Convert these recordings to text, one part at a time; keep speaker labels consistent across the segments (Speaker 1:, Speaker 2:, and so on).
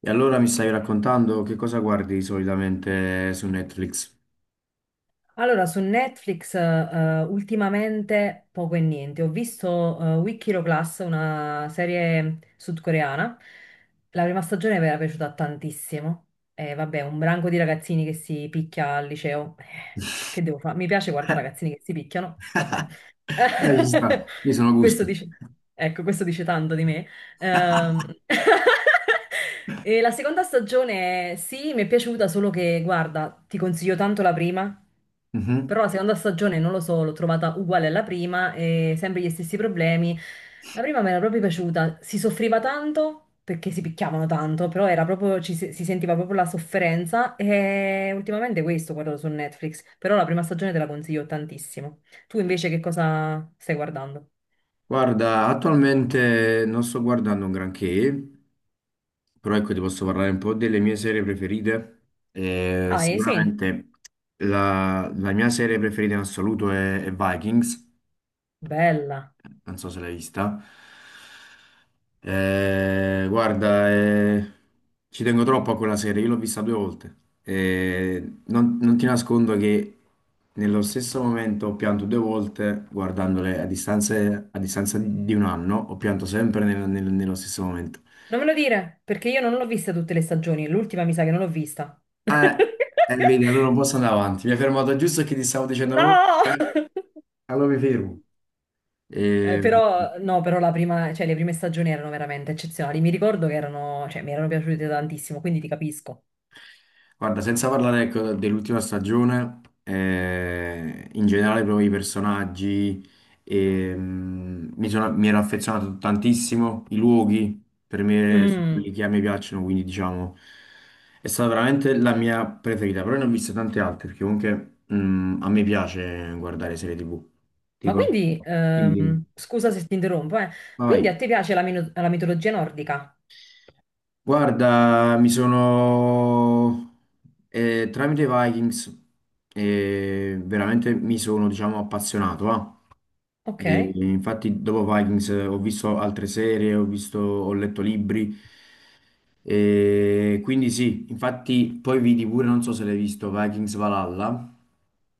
Speaker 1: E allora mi stai raccontando che cosa guardi solitamente su Netflix?
Speaker 2: Allora, su Netflix ultimamente poco e niente. Ho visto Weak Hero Class, una serie sudcoreana. La prima stagione mi era piaciuta tantissimo. E vabbè, un branco di ragazzini che si picchia al liceo. Che devo fare? Mi piace guardare ragazzini che si picchiano. Vabbè.
Speaker 1: Ci sta, mi sono
Speaker 2: Questo
Speaker 1: gusti.
Speaker 2: dice... Ecco, questo dice tanto di me. Ehm, e la seconda stagione, sì, mi è piaciuta, solo che, guarda, ti consiglio tanto la prima, però
Speaker 1: Mhm.
Speaker 2: la seconda stagione, non lo so, l'ho trovata uguale alla prima e sempre gli stessi problemi. La prima mi era proprio piaciuta, si soffriva tanto perché si picchiavano tanto, però era proprio, ci se- si sentiva proprio la sofferenza e ultimamente questo guardo su Netflix, però la prima stagione te la consiglio tantissimo. Tu invece che cosa stai guardando?
Speaker 1: Guarda, attualmente non sto guardando un granché, però ecco ti posso parlare un po' delle mie serie preferite.
Speaker 2: Ah, sì,
Speaker 1: Sicuramente la mia serie preferita in assoluto è Vikings,
Speaker 2: bella.
Speaker 1: non so se l'hai vista. Eh, guarda, eh, Ci tengo troppo a quella serie, io l'ho vista due volte. Non ti nascondo che nello stesso momento ho pianto due volte a distanza di un anno, ho pianto sempre nello stesso momento.
Speaker 2: Non me lo dire, perché io non l'ho vista tutte le stagioni, l'ultima mi sa che non l'ho vista.
Speaker 1: Eh, Vedi, allora non posso andare avanti. Mi hai fermato giusto che ti stavo dicendo proprio,
Speaker 2: No!
Speaker 1: allora mi fermo. Eh,
Speaker 2: Però, no, però la prima, cioè, le prime stagioni erano veramente eccezionali. Mi ricordo che erano, cioè, mi erano piaciute tantissimo, quindi ti capisco.
Speaker 1: Guarda, senza parlare ecco, dell'ultima stagione, in generale proprio i personaggi, mi ero affezionato tantissimo, i luoghi per me sono quelli
Speaker 2: Mm.
Speaker 1: che a me piacciono, quindi diciamo è stata veramente la mia preferita, però ne ho viste tante altre, perché comunque a me piace guardare serie TV.
Speaker 2: Ma
Speaker 1: Tipo,
Speaker 2: quindi,
Speaker 1: dimmi, dimmi.
Speaker 2: scusa se ti interrompo, eh.
Speaker 1: Vai,
Speaker 2: Quindi
Speaker 1: vai.
Speaker 2: a te piace la, la mitologia nordica?
Speaker 1: Guarda, mi sono tramite Vikings, veramente mi sono, diciamo, appazionato, va.
Speaker 2: Ok,
Speaker 1: E infatti dopo Vikings, ho visto altre serie, ho visto, ho letto libri e quindi sì, infatti poi vidi pure, non so se l'hai visto, Vikings Valhalla,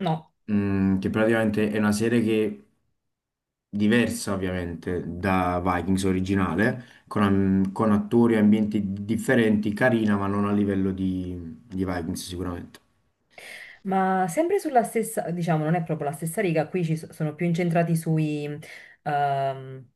Speaker 2: no.
Speaker 1: che praticamente è una serie che diversa ovviamente da Vikings originale, con attori e ambienti differenti, carina ma non a livello di Vikings sicuramente.
Speaker 2: Ma sempre sulla stessa, diciamo, non è proprio la stessa riga, qui sono più incentrati sui, ehm,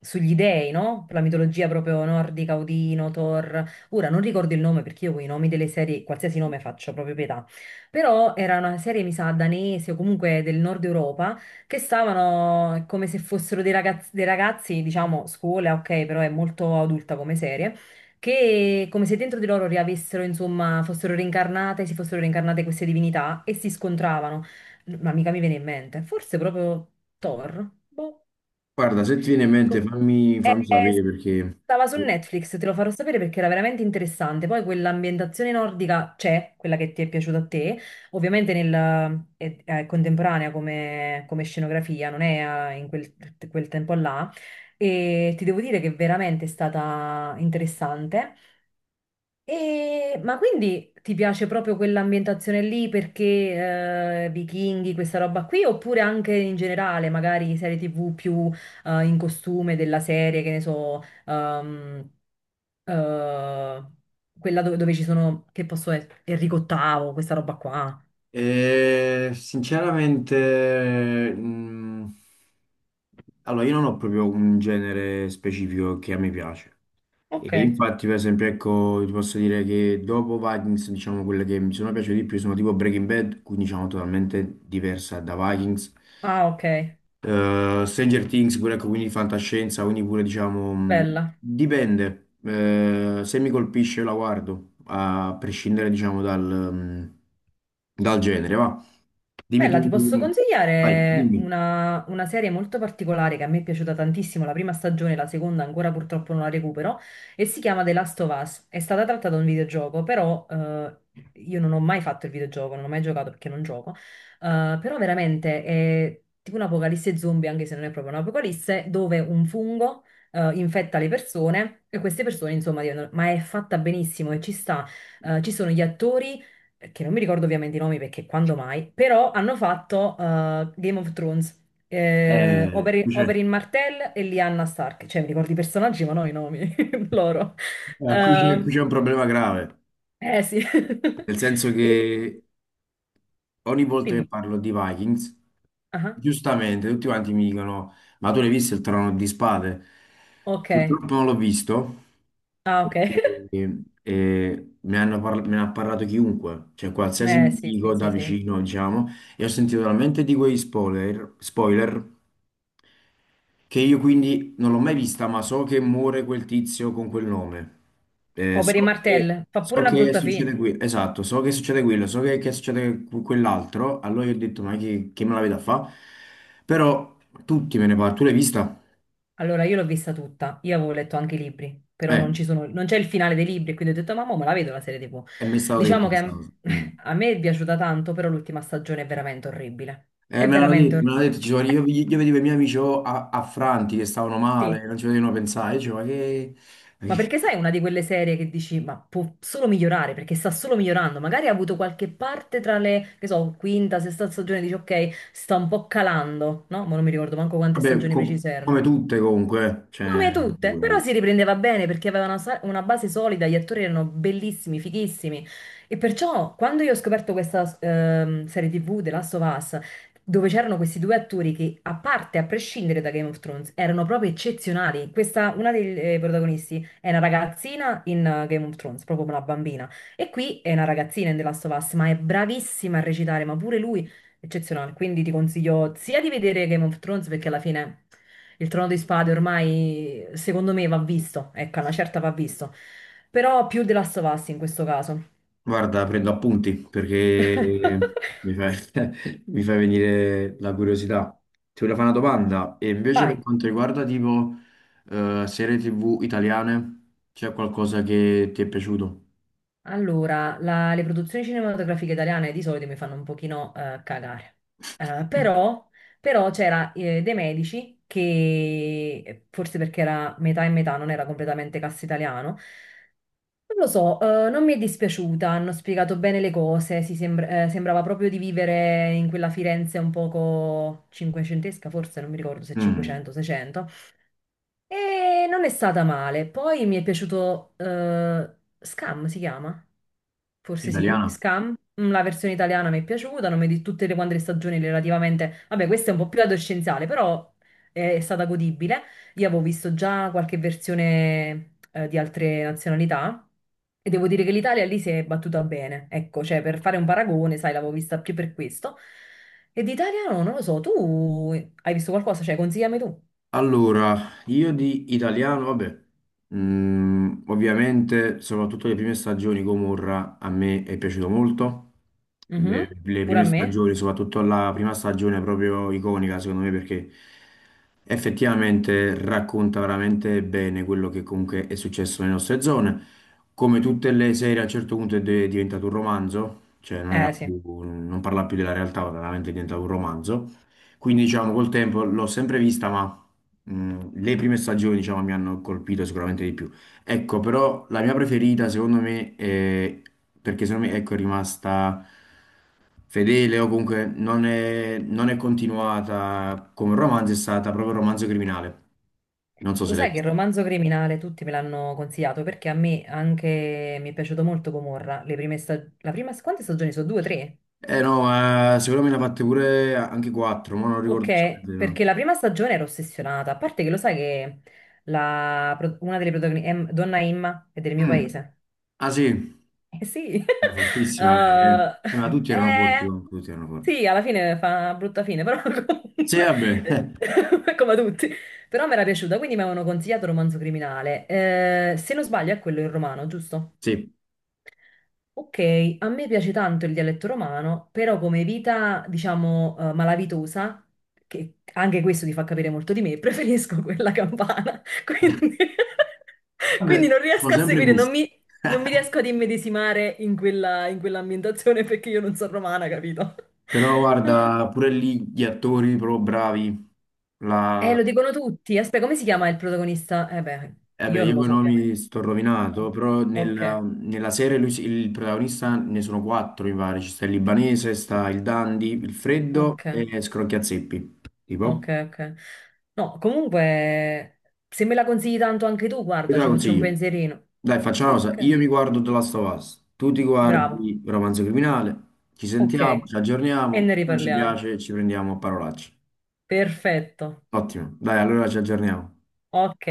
Speaker 2: sugli dei, no? La mitologia proprio nordica, Odino, Thor. Ora non ricordo il nome perché io con i nomi delle serie, qualsiasi nome faccio, proprio pietà. Però era una serie, mi sa, danese o comunque del nord Europa, che stavano come se fossero dei ragazzi, diciamo, scuola, ok, però è molto adulta come serie che come se dentro di loro riavessero, insomma, fossero reincarnate, si fossero reincarnate queste divinità e si scontravano. Ma mica mi viene in mente, forse proprio Thor? Boh.
Speaker 1: Guarda, se ti viene in mente
Speaker 2: Co-
Speaker 1: fammi,
Speaker 2: eh,
Speaker 1: fammi
Speaker 2: eh,
Speaker 1: sapere perché...
Speaker 2: Stava su Netflix, te lo farò sapere perché era veramente interessante. Poi quell'ambientazione nordica c'è, quella che ti è piaciuta a te, ovviamente è contemporanea come, come scenografia, non è in quel, quel tempo là, e ti devo dire che veramente è stata interessante. E- ma quindi ti piace proprio quell'ambientazione lì perché vichinghi, questa roba qui, oppure anche in generale, magari serie TV più in costume della serie, che ne so, ehm, eh, quella dove, dove ci sono, che posso essere, Enrico VIII, questa roba qua.
Speaker 1: Eh, sinceramente, mm, allora io non ho proprio un genere specifico che a me piace.
Speaker 2: Ok,
Speaker 1: E infatti, per esempio, ecco, ti posso dire che dopo Vikings, diciamo, quelle che mi sono piaciute di più sono tipo Breaking Bad, quindi diciamo totalmente diversa da Vikings.
Speaker 2: ah ok,
Speaker 1: Stranger Things, pure ecco, quindi fantascienza, quindi pure diciamo,
Speaker 2: bella.
Speaker 1: dipende. Se mi colpisce io la guardo, a prescindere diciamo dal, dal genere, va. Dimmi
Speaker 2: Bella, ti
Speaker 1: tu,
Speaker 2: posso
Speaker 1: vai,
Speaker 2: consigliare
Speaker 1: dimmi.
Speaker 2: una serie molto particolare che a me è piaciuta tantissimo, la prima stagione, la seconda ancora purtroppo non la recupero, e si chiama The Last of Us. È stata tratta da un videogioco, però io non ho mai fatto il videogioco, non ho mai giocato perché non gioco, eh, però veramente è tipo un'apocalisse zombie, anche se non è proprio un'apocalisse, dove un fungo infetta le persone e queste persone, insomma, diventano... ma è fatta benissimo e ci sta, ci sono gli attori che non mi ricordo ovviamente i nomi perché quando mai, però hanno fatto Game of Thrones,
Speaker 1: Eh, qui c'è
Speaker 2: Oberyn Martell e Lyanna Stark, cioè mi ricordo i personaggi ma non i nomi loro.
Speaker 1: qui
Speaker 2: Ehm,
Speaker 1: c'è un problema grave.
Speaker 2: eh sì.
Speaker 1: Nel senso
Speaker 2: E
Speaker 1: che ogni volta che
Speaker 2: dimmi.
Speaker 1: parlo di Vikings,
Speaker 2: Ah,
Speaker 1: giustamente tutti quanti mi dicono: Ma tu l'hai visto il Trono di Spade?
Speaker 2: ok.
Speaker 1: Purtroppo non l'ho visto
Speaker 2: Ah, ok.
Speaker 1: perché me ne ha parlato chiunque, cioè qualsiasi
Speaker 2: Eh sì,
Speaker 1: amico
Speaker 2: sì,
Speaker 1: da
Speaker 2: sì, sì.
Speaker 1: vicino, diciamo, e ho sentito talmente di quei spoiler, spoiler che io quindi non l'ho mai vista, ma so che muore quel tizio con quel nome. Eh,
Speaker 2: Oberyn
Speaker 1: so che,
Speaker 2: Martell fa
Speaker 1: so
Speaker 2: pure la
Speaker 1: che
Speaker 2: brutta fine.
Speaker 1: succede qui, esatto, so che succede quello, che succede quell'altro. Allora io ho detto, ma che me la vedo a fa? Però tutti me ne parlano. Tu l'hai vista?
Speaker 2: Allora, io l'ho vista tutta, io avevo letto anche i libri, però
Speaker 1: Eh,
Speaker 2: non ci sono, non c'è il finale dei libri, quindi ho detto, mamma, me la vedo la serie TV.
Speaker 1: e mi è stato detto
Speaker 2: Diciamo che
Speaker 1: questa cosa. Mm.
Speaker 2: a me è piaciuta tanto, però l'ultima stagione è veramente orribile. È
Speaker 1: Me l'hanno
Speaker 2: veramente
Speaker 1: detto, me
Speaker 2: orribile,
Speaker 1: l'hanno detto, io vedevo i miei amici oh, affranti che stavano
Speaker 2: sì.
Speaker 1: male, non ci potevano pensare, dicevo, ma
Speaker 2: Ma
Speaker 1: che-"
Speaker 2: perché sai, è una di quelle serie che dici, ma può solo migliorare, perché sta solo migliorando. Magari ha avuto qualche parte tra le, che so, quinta, sesta stagione, dici, ok, sta un po' calando, no? Ma non mi ricordo manco quante
Speaker 1: Vabbè,
Speaker 2: stagioni precise erano.
Speaker 1: come tutte comunque, eh. Cioè...
Speaker 2: Come tutte, però si riprendeva bene perché aveva una, una base solida, gli attori erano bellissimi, fighissimi. E perciò quando io ho scoperto questa serie TV, The Last of Us, dove c'erano questi due attori che, a parte, a prescindere da Game of Thrones, erano proprio eccezionali. Questa, una dei protagonisti è una ragazzina in Game of Thrones, proprio una bambina. E qui è una ragazzina in The Last of Us, ma è bravissima a recitare, ma pure lui eccezionale. Quindi ti consiglio sia di vedere Game of Thrones perché alla fine. Il Trono di Spade ormai, secondo me, va visto. Ecco, una certa va visto. Però più The Last of Us in questo caso.
Speaker 1: Guarda, prendo appunti perché mi fai, mi fai venire la curiosità. Ti volevo fare una domanda. E invece
Speaker 2: Vai.
Speaker 1: per quanto riguarda tipo serie TV italiane, c'è qualcosa che ti è piaciuto?
Speaker 2: Allora, le produzioni cinematografiche italiane di solito mi fanno un pochino cagare. Però, però c'era De Medici, che forse perché era metà e metà, non era completamente cast italiano, non lo so, non mi è dispiaciuta, hanno spiegato bene le cose, sembrava proprio di vivere in quella Firenze un poco cinquecentesca, forse non mi ricordo se
Speaker 1: Mm,
Speaker 2: 500 600, e non è stata male. Poi mi è piaciuto Scam, si chiama? Forse sì,
Speaker 1: italiana?
Speaker 2: Scam. Mm, la versione italiana mi è piaciuta, non mi di tutte le quante le stagioni relativamente... Vabbè, questa è un po' più adolescenziale, però è stata godibile. Io avevo visto già qualche versione di altre nazionalità e devo dire che l'Italia lì si è battuta bene. Ecco, cioè per fare un paragone, sai, l'avevo vista più per questo. E di italiano non lo so, tu hai visto qualcosa? Cioè, consigliami tu.
Speaker 1: Allora, io di italiano, vabbè, ovviamente soprattutto le prime stagioni Gomorra a me è piaciuto molto,
Speaker 2: Mhm,
Speaker 1: le
Speaker 2: pure
Speaker 1: prime
Speaker 2: a me?
Speaker 1: stagioni, soprattutto la prima stagione è proprio iconica secondo me perché effettivamente racconta veramente bene quello che comunque è successo nelle nostre zone, come tutte le serie a un certo punto è diventato un romanzo, cioè
Speaker 2: Eh sì.
Speaker 1: non parla più della realtà, ma veramente è diventato un romanzo. Quindi diciamo col tempo l'ho sempre vista, ma le prime stagioni diciamo, mi hanno colpito sicuramente di più. Ecco, però la mia preferita secondo me è perché secondo me ecco, è rimasta fedele o comunque non è continuata come romanzo, è stata proprio Romanzo Criminale. Non so
Speaker 2: Lo
Speaker 1: se l'hai
Speaker 2: sai che il
Speaker 1: vista.
Speaker 2: romanzo criminale tutti me l'hanno consigliato perché a me anche mi è piaciuto molto Gomorra. La prima... Quante stagioni sono? Due, tre?
Speaker 1: Eh no, secondo me ne ha fatte pure anche quattro, ma non
Speaker 2: Ok,
Speaker 1: ricordo esattamente.
Speaker 2: perché la prima stagione ero ossessionata. A parte che lo sai che una delle protagoniste, Donna Imma, è del
Speaker 1: No.
Speaker 2: mio
Speaker 1: Mm.
Speaker 2: paese.
Speaker 1: Ah sì,
Speaker 2: Eh sì,
Speaker 1: è fortissima lei, eh.
Speaker 2: Eh,
Speaker 1: Ma tutti erano forti,
Speaker 2: eh,
Speaker 1: comunque, tutti erano forti.
Speaker 2: sì, alla fine fa una brutta fine, però
Speaker 1: Sì,
Speaker 2: comunque,
Speaker 1: vabbè, eh,
Speaker 2: eh, come tutti, però mi era piaciuta, quindi mi avevano consigliato Romanzo Criminale. Se non sbaglio è quello in romano, giusto?
Speaker 1: sì.
Speaker 2: Ok, a me piace tanto il dialetto romano, però come vita, diciamo, malavitosa, che anche questo ti fa capire molto di me, preferisco quella campana. Quindi, quindi
Speaker 1: Vabbè,
Speaker 2: non
Speaker 1: sono
Speaker 2: riesco a
Speaker 1: sempre
Speaker 2: seguire,
Speaker 1: gusti.
Speaker 2: non mi riesco ad immedesimare in quella, in quell'ambientazione perché io non sono romana, capito?
Speaker 1: Però guarda, pure lì gli attori proprio bravi. La...
Speaker 2: Lo dicono tutti. Aspetta, come si chiama il protagonista? Eh beh,
Speaker 1: Eh, beh,
Speaker 2: io non
Speaker 1: io
Speaker 2: lo
Speaker 1: con i
Speaker 2: so,
Speaker 1: nomi
Speaker 2: ovviamente.
Speaker 1: sto rovinato, però
Speaker 2: Ok,
Speaker 1: nella serie il protagonista ne sono quattro, mi pare. Ci sta il libanese, sta il Dandy, il Freddo
Speaker 2: ok.
Speaker 1: e Scrocchiazeppi. Tipo.
Speaker 2: Ok, ok. No, comunque, se me la consigli tanto anche tu,
Speaker 1: Io
Speaker 2: guarda,
Speaker 1: te la
Speaker 2: ci faccio un
Speaker 1: consiglio.
Speaker 2: pensierino.
Speaker 1: Dai, facciamo una cosa.
Speaker 2: Ok,
Speaker 1: Io mi guardo The Last of Us, tu ti
Speaker 2: bravo.
Speaker 1: guardi Romanzo Criminale, ci Mm.
Speaker 2: Ok,
Speaker 1: sentiamo, ci
Speaker 2: e
Speaker 1: aggiorniamo,
Speaker 2: ne
Speaker 1: non ci
Speaker 2: riparliamo.
Speaker 1: piace, ci prendiamo a parolacce.
Speaker 2: Perfetto.
Speaker 1: Ottimo. Dai, allora ci aggiorniamo.
Speaker 2: Ok.